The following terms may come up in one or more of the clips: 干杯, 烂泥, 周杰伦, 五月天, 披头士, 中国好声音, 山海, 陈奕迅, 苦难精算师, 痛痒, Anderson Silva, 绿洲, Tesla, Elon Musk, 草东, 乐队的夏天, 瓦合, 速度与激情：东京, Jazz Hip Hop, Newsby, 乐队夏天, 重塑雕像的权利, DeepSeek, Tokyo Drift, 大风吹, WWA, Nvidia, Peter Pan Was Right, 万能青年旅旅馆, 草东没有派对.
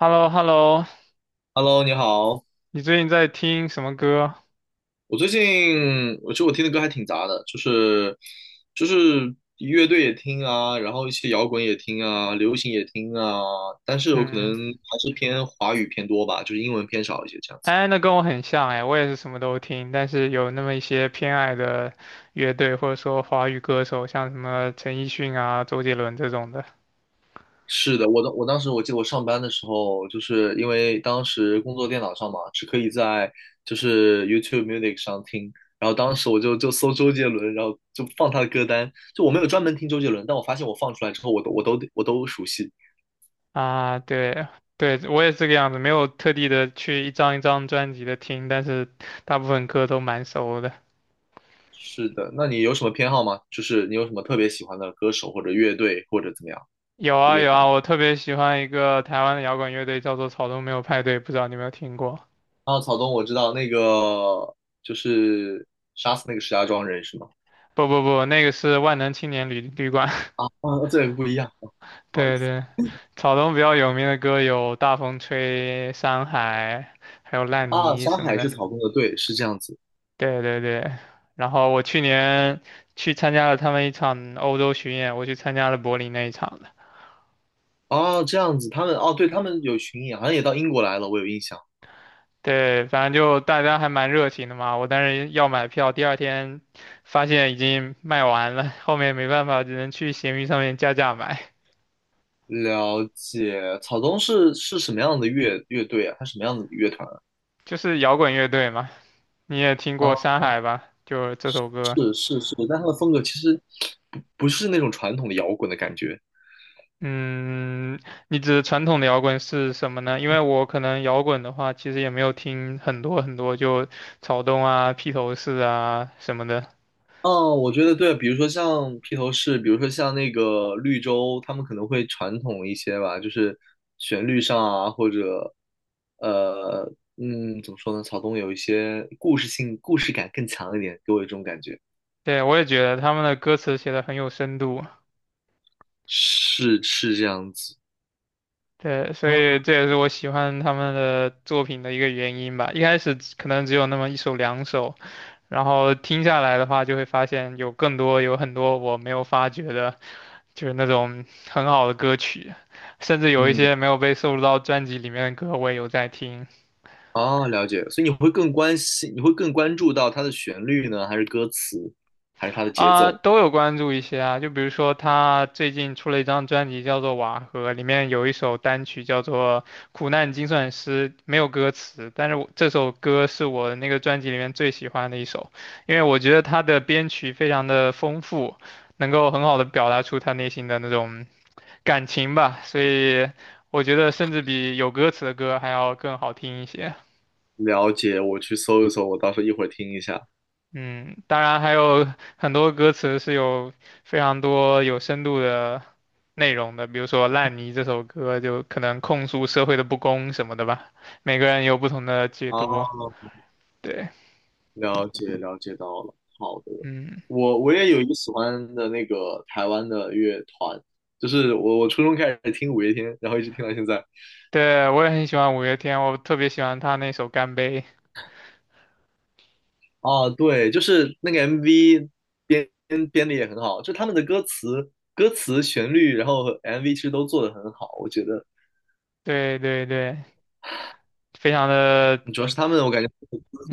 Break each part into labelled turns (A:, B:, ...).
A: h e l l o h e l l o
B: Hello，你好。
A: 你最近在听什么歌？
B: 我最近，我觉得我听的歌还挺杂的，就是乐队也听啊，然后一些摇滚也听啊，流行也听啊，但是我可能
A: 嗯，
B: 还是偏华语偏多吧，就是英文偏少一些这样子。
A: 哎，那跟我很像哎，我也是什么都听，但是有那么一些偏爱的乐队或者说华语歌手，像什么陈奕迅啊、周杰伦这种的
B: 是的，我当时我记得我上班的时候，就是因为当时工作电脑上嘛，是可以在就是 YouTube Music 上听，然后当时我就搜周杰伦，然后就放他的歌单，就我没有专门听周杰伦，但我发现我放出来之后，我都熟悉。
A: 啊，对。对，我也是这个样子，没有特地的去一张一张专辑的听，但是大部分歌都蛮熟的。
B: 是的，那你有什么偏好吗？就是你有什么特别喜欢的歌手或者乐队或者怎么样，
A: 有啊
B: 乐
A: 有
B: 团
A: 啊，
B: 吗？
A: 我特别喜欢一个台湾的摇滚乐队，叫做草东没有派对，不知道你有没有听过？
B: 啊，草东，我知道那个就是杀死那个石家庄人是吗？
A: 不不不，那个是万能青年旅馆。
B: 啊啊，这个不一样，哦，不好意
A: 对
B: 思。
A: 对，草东比较有名的歌有《大风吹》《山海》，还有《烂
B: 啊，
A: 泥》
B: 山
A: 什么
B: 海
A: 的。
B: 是草东的，队是这样子。
A: 对对对，然后我去年去参加了他们一场欧洲巡演，我去参加了柏林那一场的。
B: 哦，这样子，他们哦，对，他们有巡演，好像也到英国来了，我有印象。
A: 对，反正就大家还蛮热情的嘛。我当时要买票，第二天发现已经卖完了，后面没办法，只能去闲鱼上面加价买。
B: 了解，草东是什么样的乐队啊？他什么样子的乐团
A: 就是摇滚乐队嘛，你也听
B: 啊，啊，
A: 过《山海》吧？就这首歌。
B: 是是是，但他的风格其实不是那种传统的摇滚的感觉。
A: 嗯，你指传统的摇滚是什么呢？因为我可能摇滚的话，其实也没有听很多很多，就草东啊、披头士啊什么的。
B: 哦，我觉得对，比如说像披头士，比如说像那个绿洲，他们可能会传统一些吧，就是旋律上啊，或者呃，嗯，怎么说呢？草东有一些故事性、故事感更强一点，给我一种感觉，
A: 对，我也觉得他们的歌词写的很有深度。
B: 是是这样子。
A: 对，所
B: 啊，
A: 以这也是我喜欢他们的作品的一个原因吧。一开始可能只有那么一首两首，然后听下来的话，就会发现有更多有很多我没有发掘的，就是那种很好的歌曲，甚至有一
B: 嗯，
A: 些没有被收录到专辑里面的歌，我也有在听
B: 哦，了解，所以你会更关心，你会更关注到它的旋律呢，还是歌词，还是它的节
A: 啊，
B: 奏？
A: 都有关注一些啊。就比如说他最近出了一张专辑叫做《瓦合》，里面有一首单曲叫做《苦难精算师》，没有歌词，但是我这首歌是我那个专辑里面最喜欢的一首，因为我觉得他的编曲非常的丰富。能够很好的表达出他内心的那种感情吧，所以我觉得甚至比有歌词的歌还要更好听一些。
B: 了解，我去搜一搜，我到时候一会儿听一下。
A: 嗯，当然还有很多歌词是有非常多有深度的内容的，比如说《烂泥》这首歌就可能控诉社会的不公什么的吧，每个人有不同的解
B: 啊。
A: 读。对，
B: 了解，了解到了，好的。
A: 嗯，
B: 我也有一个喜欢的那个台湾的乐团，就是我初中开始听五月天，然后一直听到现在。
A: 对，我也很喜欢五月天，我特别喜欢他那首《干杯》。
B: 啊，对，就是那个 MV 编编的也很好，就他们的歌词、旋律，然后 MV 其实都做的很好，我觉得
A: 对对对，非常的，
B: 主要是他们，我感觉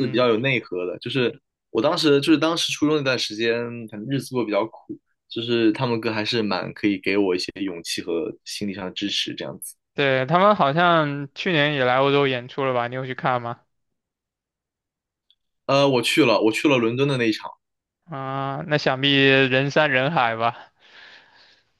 B: 是比较有内核的。就是我当时就是当时初中那段时间，可能日子过得比较苦，就是他们歌还是蛮可以给我一些勇气和心理上的支持这样子。
A: 对，他们好像去年也来欧洲演出了吧？你有去看吗？
B: 我去了，我去了伦敦的那一场。
A: 啊，那想必人山人海吧？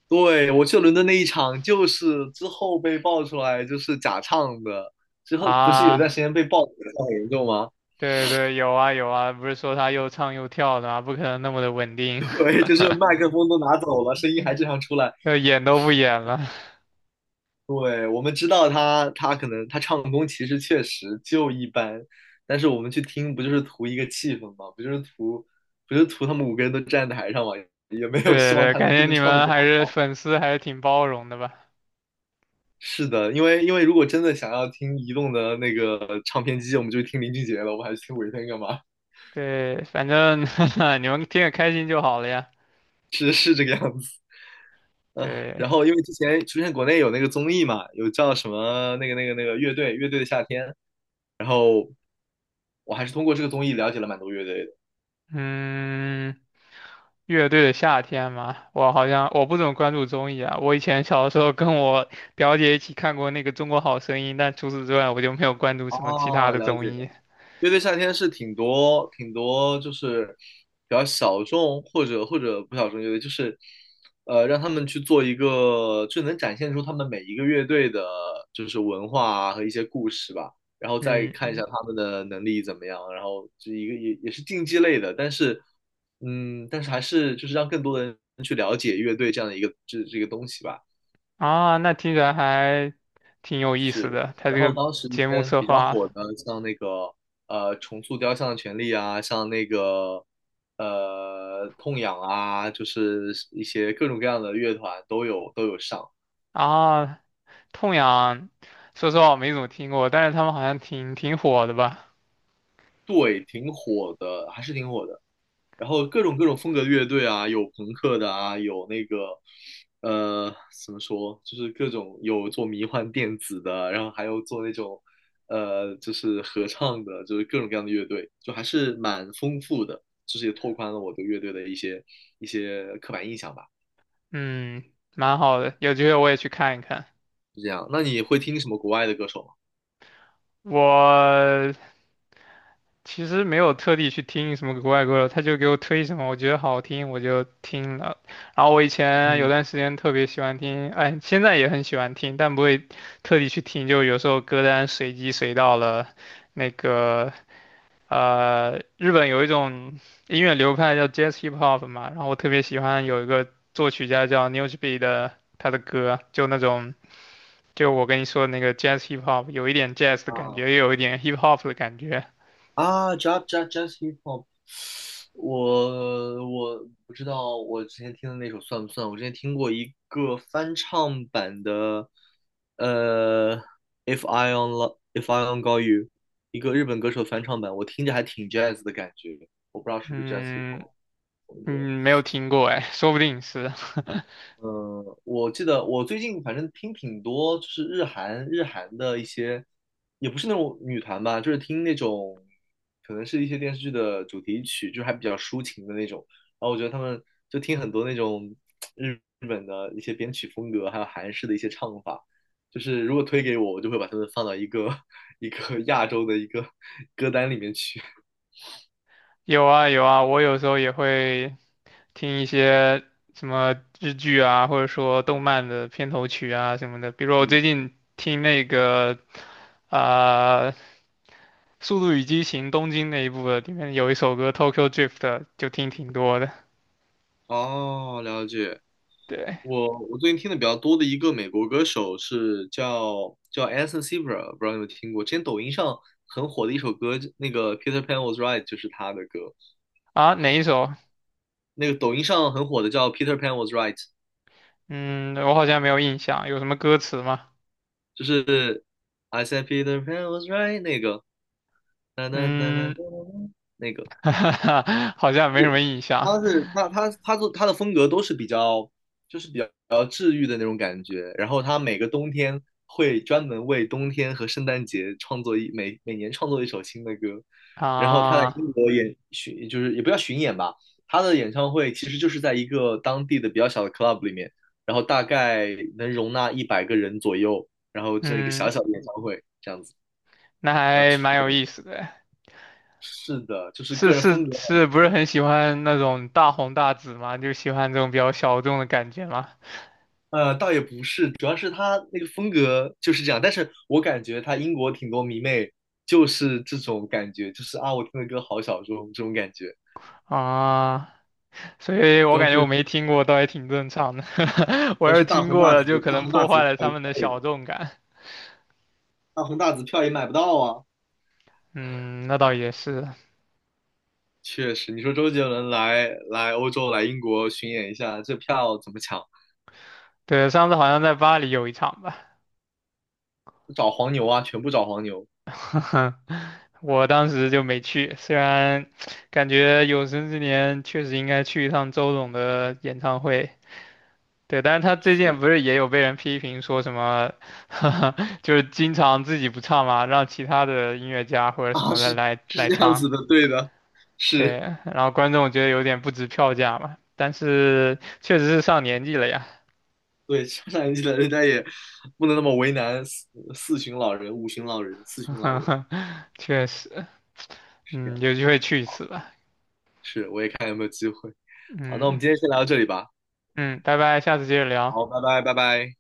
B: 对，我去了伦敦那一场，就是之后被爆出来就是假唱的。之后不是有一段
A: 啊，
B: 时间被爆的很严重吗？
A: 对对，有啊有啊，不是说他又唱又跳的吗？不可能那么的稳 定，
B: 对，就是麦克风都拿走了，声音还正常出来。
A: 就演都不演了。
B: 对，我们知道他，他可能他唱功其实确实就一般，但是我们去听不就是图一个气氛吗？不就是图，不就是图他们五个人都站台上吗？也没 有
A: 对
B: 希望
A: 对，
B: 他
A: 感
B: 能
A: 觉
B: 真的
A: 你
B: 唱得
A: 们
B: 多
A: 还是
B: 好。
A: 粉丝还是挺包容的吧？
B: 是的，因为因为如果真的想要听移动的那个唱片机，我们就听林俊杰了，我还去听五月天干嘛？
A: 对，反正 你们听着开心就好了呀。
B: 是是这个样子。啊，
A: 对，
B: 然后因为之前出现国内有那个综艺嘛，有叫什么那个乐队乐队的夏天，然后我还是通过这个综艺了解了蛮多乐队的。
A: 嗯，乐队的夏天嘛，我好像我不怎么关注综艺啊。我以前小的时候跟我表姐一起看过那个《中国好声音》，但除此之外我就没有关注什么其他
B: 哦，
A: 的
B: 了
A: 综
B: 解。
A: 艺。
B: 乐队夏天是挺多挺多，就是比较小众或者不小众乐队，就是让他们去做一个，就能展现出他们每一个乐队的，就是文化啊和一些故事吧，然后再看一
A: 嗯。
B: 下他们的能力怎么样，然后就一个也是竞技类的，但是嗯，但是还是就是让更多的人去了解乐队这样的一个这个东西吧。
A: 啊，那听起来还挺有意思
B: 是，
A: 的。他这
B: 然后
A: 个
B: 当时一
A: 节目
B: 些
A: 策
B: 比较
A: 划
B: 火的，像那个重塑雕像的权利啊，像那个痛痒啊，就是一些各种各样的乐团都有上，
A: 啊，痛痒，说实话我没怎么听过，但是他们好像挺火的吧？
B: 对，挺火的，还是挺火的。然后各种风格的乐队啊，有朋克的啊，有那个呃怎么说，就是各种有做迷幻电子的，然后还有做那种就是合唱的，就是各种各样的乐队，就还是蛮丰富的，就是也拓宽了我对乐队的一些刻板印象吧，
A: 嗯，蛮好的，有机会我也去看一看。
B: 是这样。那你会听什么国外的歌手吗？
A: 我其实没有特地去听什么国外歌手，他就给我推什么，我觉得好听我就听了。然后我以前有
B: 嗯，
A: 段时间特别喜欢听，哎，现在也很喜欢听，但不会特地去听，就有时候歌单随机随到了那个。日本有一种音乐流派叫 Jazz Hip Hop 嘛，然后我特别喜欢有一个作曲家叫 Newsby 的他的歌，就那种就我跟你说的那个 Jazz Hip Hop,有一点 Jazz 的感
B: 啊。
A: 觉，又有一点 Hip Hop 的感觉。
B: 啊，jazz jazz hip hop,我不知道我之前听的那首算不算？我之前听过一个翻唱版的，呃，If I on Got You,一个日本歌手翻唱版，我听着还挺 jazz 的感觉，我不知道是不是 jazz hip
A: 嗯
B: hop。
A: 嗯，没有听过哎，说不定是。
B: 嗯，我记得我最近反正听挺多，就是日韩的一些，也不是那种女团吧，就是听那种，可能是一些电视剧的主题曲，就是还比较抒情的那种。然后我觉得他们就听很多那种日日本的一些编曲风格，还有韩式的一些唱法。就是如果推给我，我就会把他们放到一个 一个亚洲的一个歌单里面去。
A: 有啊有啊，我有时候也会听一些什么日剧啊，或者说动漫的片头曲啊什么的。比如我
B: 嗯，
A: 最近听那个啊、呃《速度与激情：东京》那一部的，里面有一首歌《Tokyo Drift》,就听挺多的。
B: 哦，了解。
A: 对
B: 我我最近听的比较多的一个美国歌手是叫 Anderson Silva,不知道你有没有听过？之前抖音上很火的一首歌，那个 Peter Pan Was Right 就是他的歌。
A: 啊，哪一首？
B: 那个抖音上很火的叫 Peter Pan Was Right,
A: 嗯，我好像没有印象，有什么歌词吗？
B: 就是 I said Peter Pan was right 那个，哒哒哒哒
A: 嗯，
B: 哒哒，那个。
A: 好像没什么印象
B: 他他的风格都是比较就是比较治愈的那种感觉，然后他每个冬天会专门为冬天和圣诞节创作每年创作一首新的歌，然后他在
A: 啊。
B: 英国就是也不叫巡演吧，他的演唱会其实就是在一个当地的比较小的 club 里面，然后大概能容纳100个人左右，然后这样一个小
A: 嗯，
B: 小的演唱会这样子。
A: 那
B: 啊，
A: 还
B: 是
A: 蛮
B: 的，
A: 有意思的。
B: 是的，就是
A: 是
B: 个人
A: 是
B: 风格
A: 是，不是
B: 很。
A: 很喜欢那种大红大紫嘛？就喜欢这种比较小众的感觉嘛？
B: 呃，倒也不是，主要是他那个风格就是这样。但是我感觉他英国挺多迷妹，就是这种感觉，就是啊，我听的歌好小众这种感觉。
A: 啊，所以
B: 主
A: 我
B: 要
A: 感觉
B: 是
A: 我
B: 主
A: 没听过，倒也挺正常的。我
B: 要
A: 要是
B: 是大
A: 听
B: 红
A: 过
B: 大
A: 了，就
B: 紫，
A: 可能破坏了他们的小众感。
B: 大红大紫票也买不到啊。
A: 嗯，那倒也是。
B: 确实，你说周杰伦来欧洲来英国巡演一下，这票怎么抢？
A: 对，上次好像在巴黎有一场吧，
B: 找黄牛啊，全部找黄牛。
A: 我当时就没去。虽然感觉有生之年确实应该去一趟周董的演唱会，对，但是他最近
B: 是
A: 不是也有被人批评说什么，就是经常自己不唱嘛，让其他的音乐家或者什
B: 啊，
A: 么的
B: 是
A: 来
B: 是
A: 来
B: 这样
A: 唱，
B: 子的，对的，
A: 对，
B: 是。
A: 然后观众觉得有点不值票价嘛。但是确实是上年纪了呀，
B: 对，上年纪的人家也不能那么为难四，四旬老人、五旬老人、四旬老人，
A: 确实，
B: 是这
A: 嗯，
B: 样。
A: 有机会去一次吧，
B: 是，我也看有没有机会。好，那我
A: 嗯。
B: 们今天先聊到这里吧。
A: 嗯，拜拜，下次接着聊。
B: 好，拜拜，拜拜。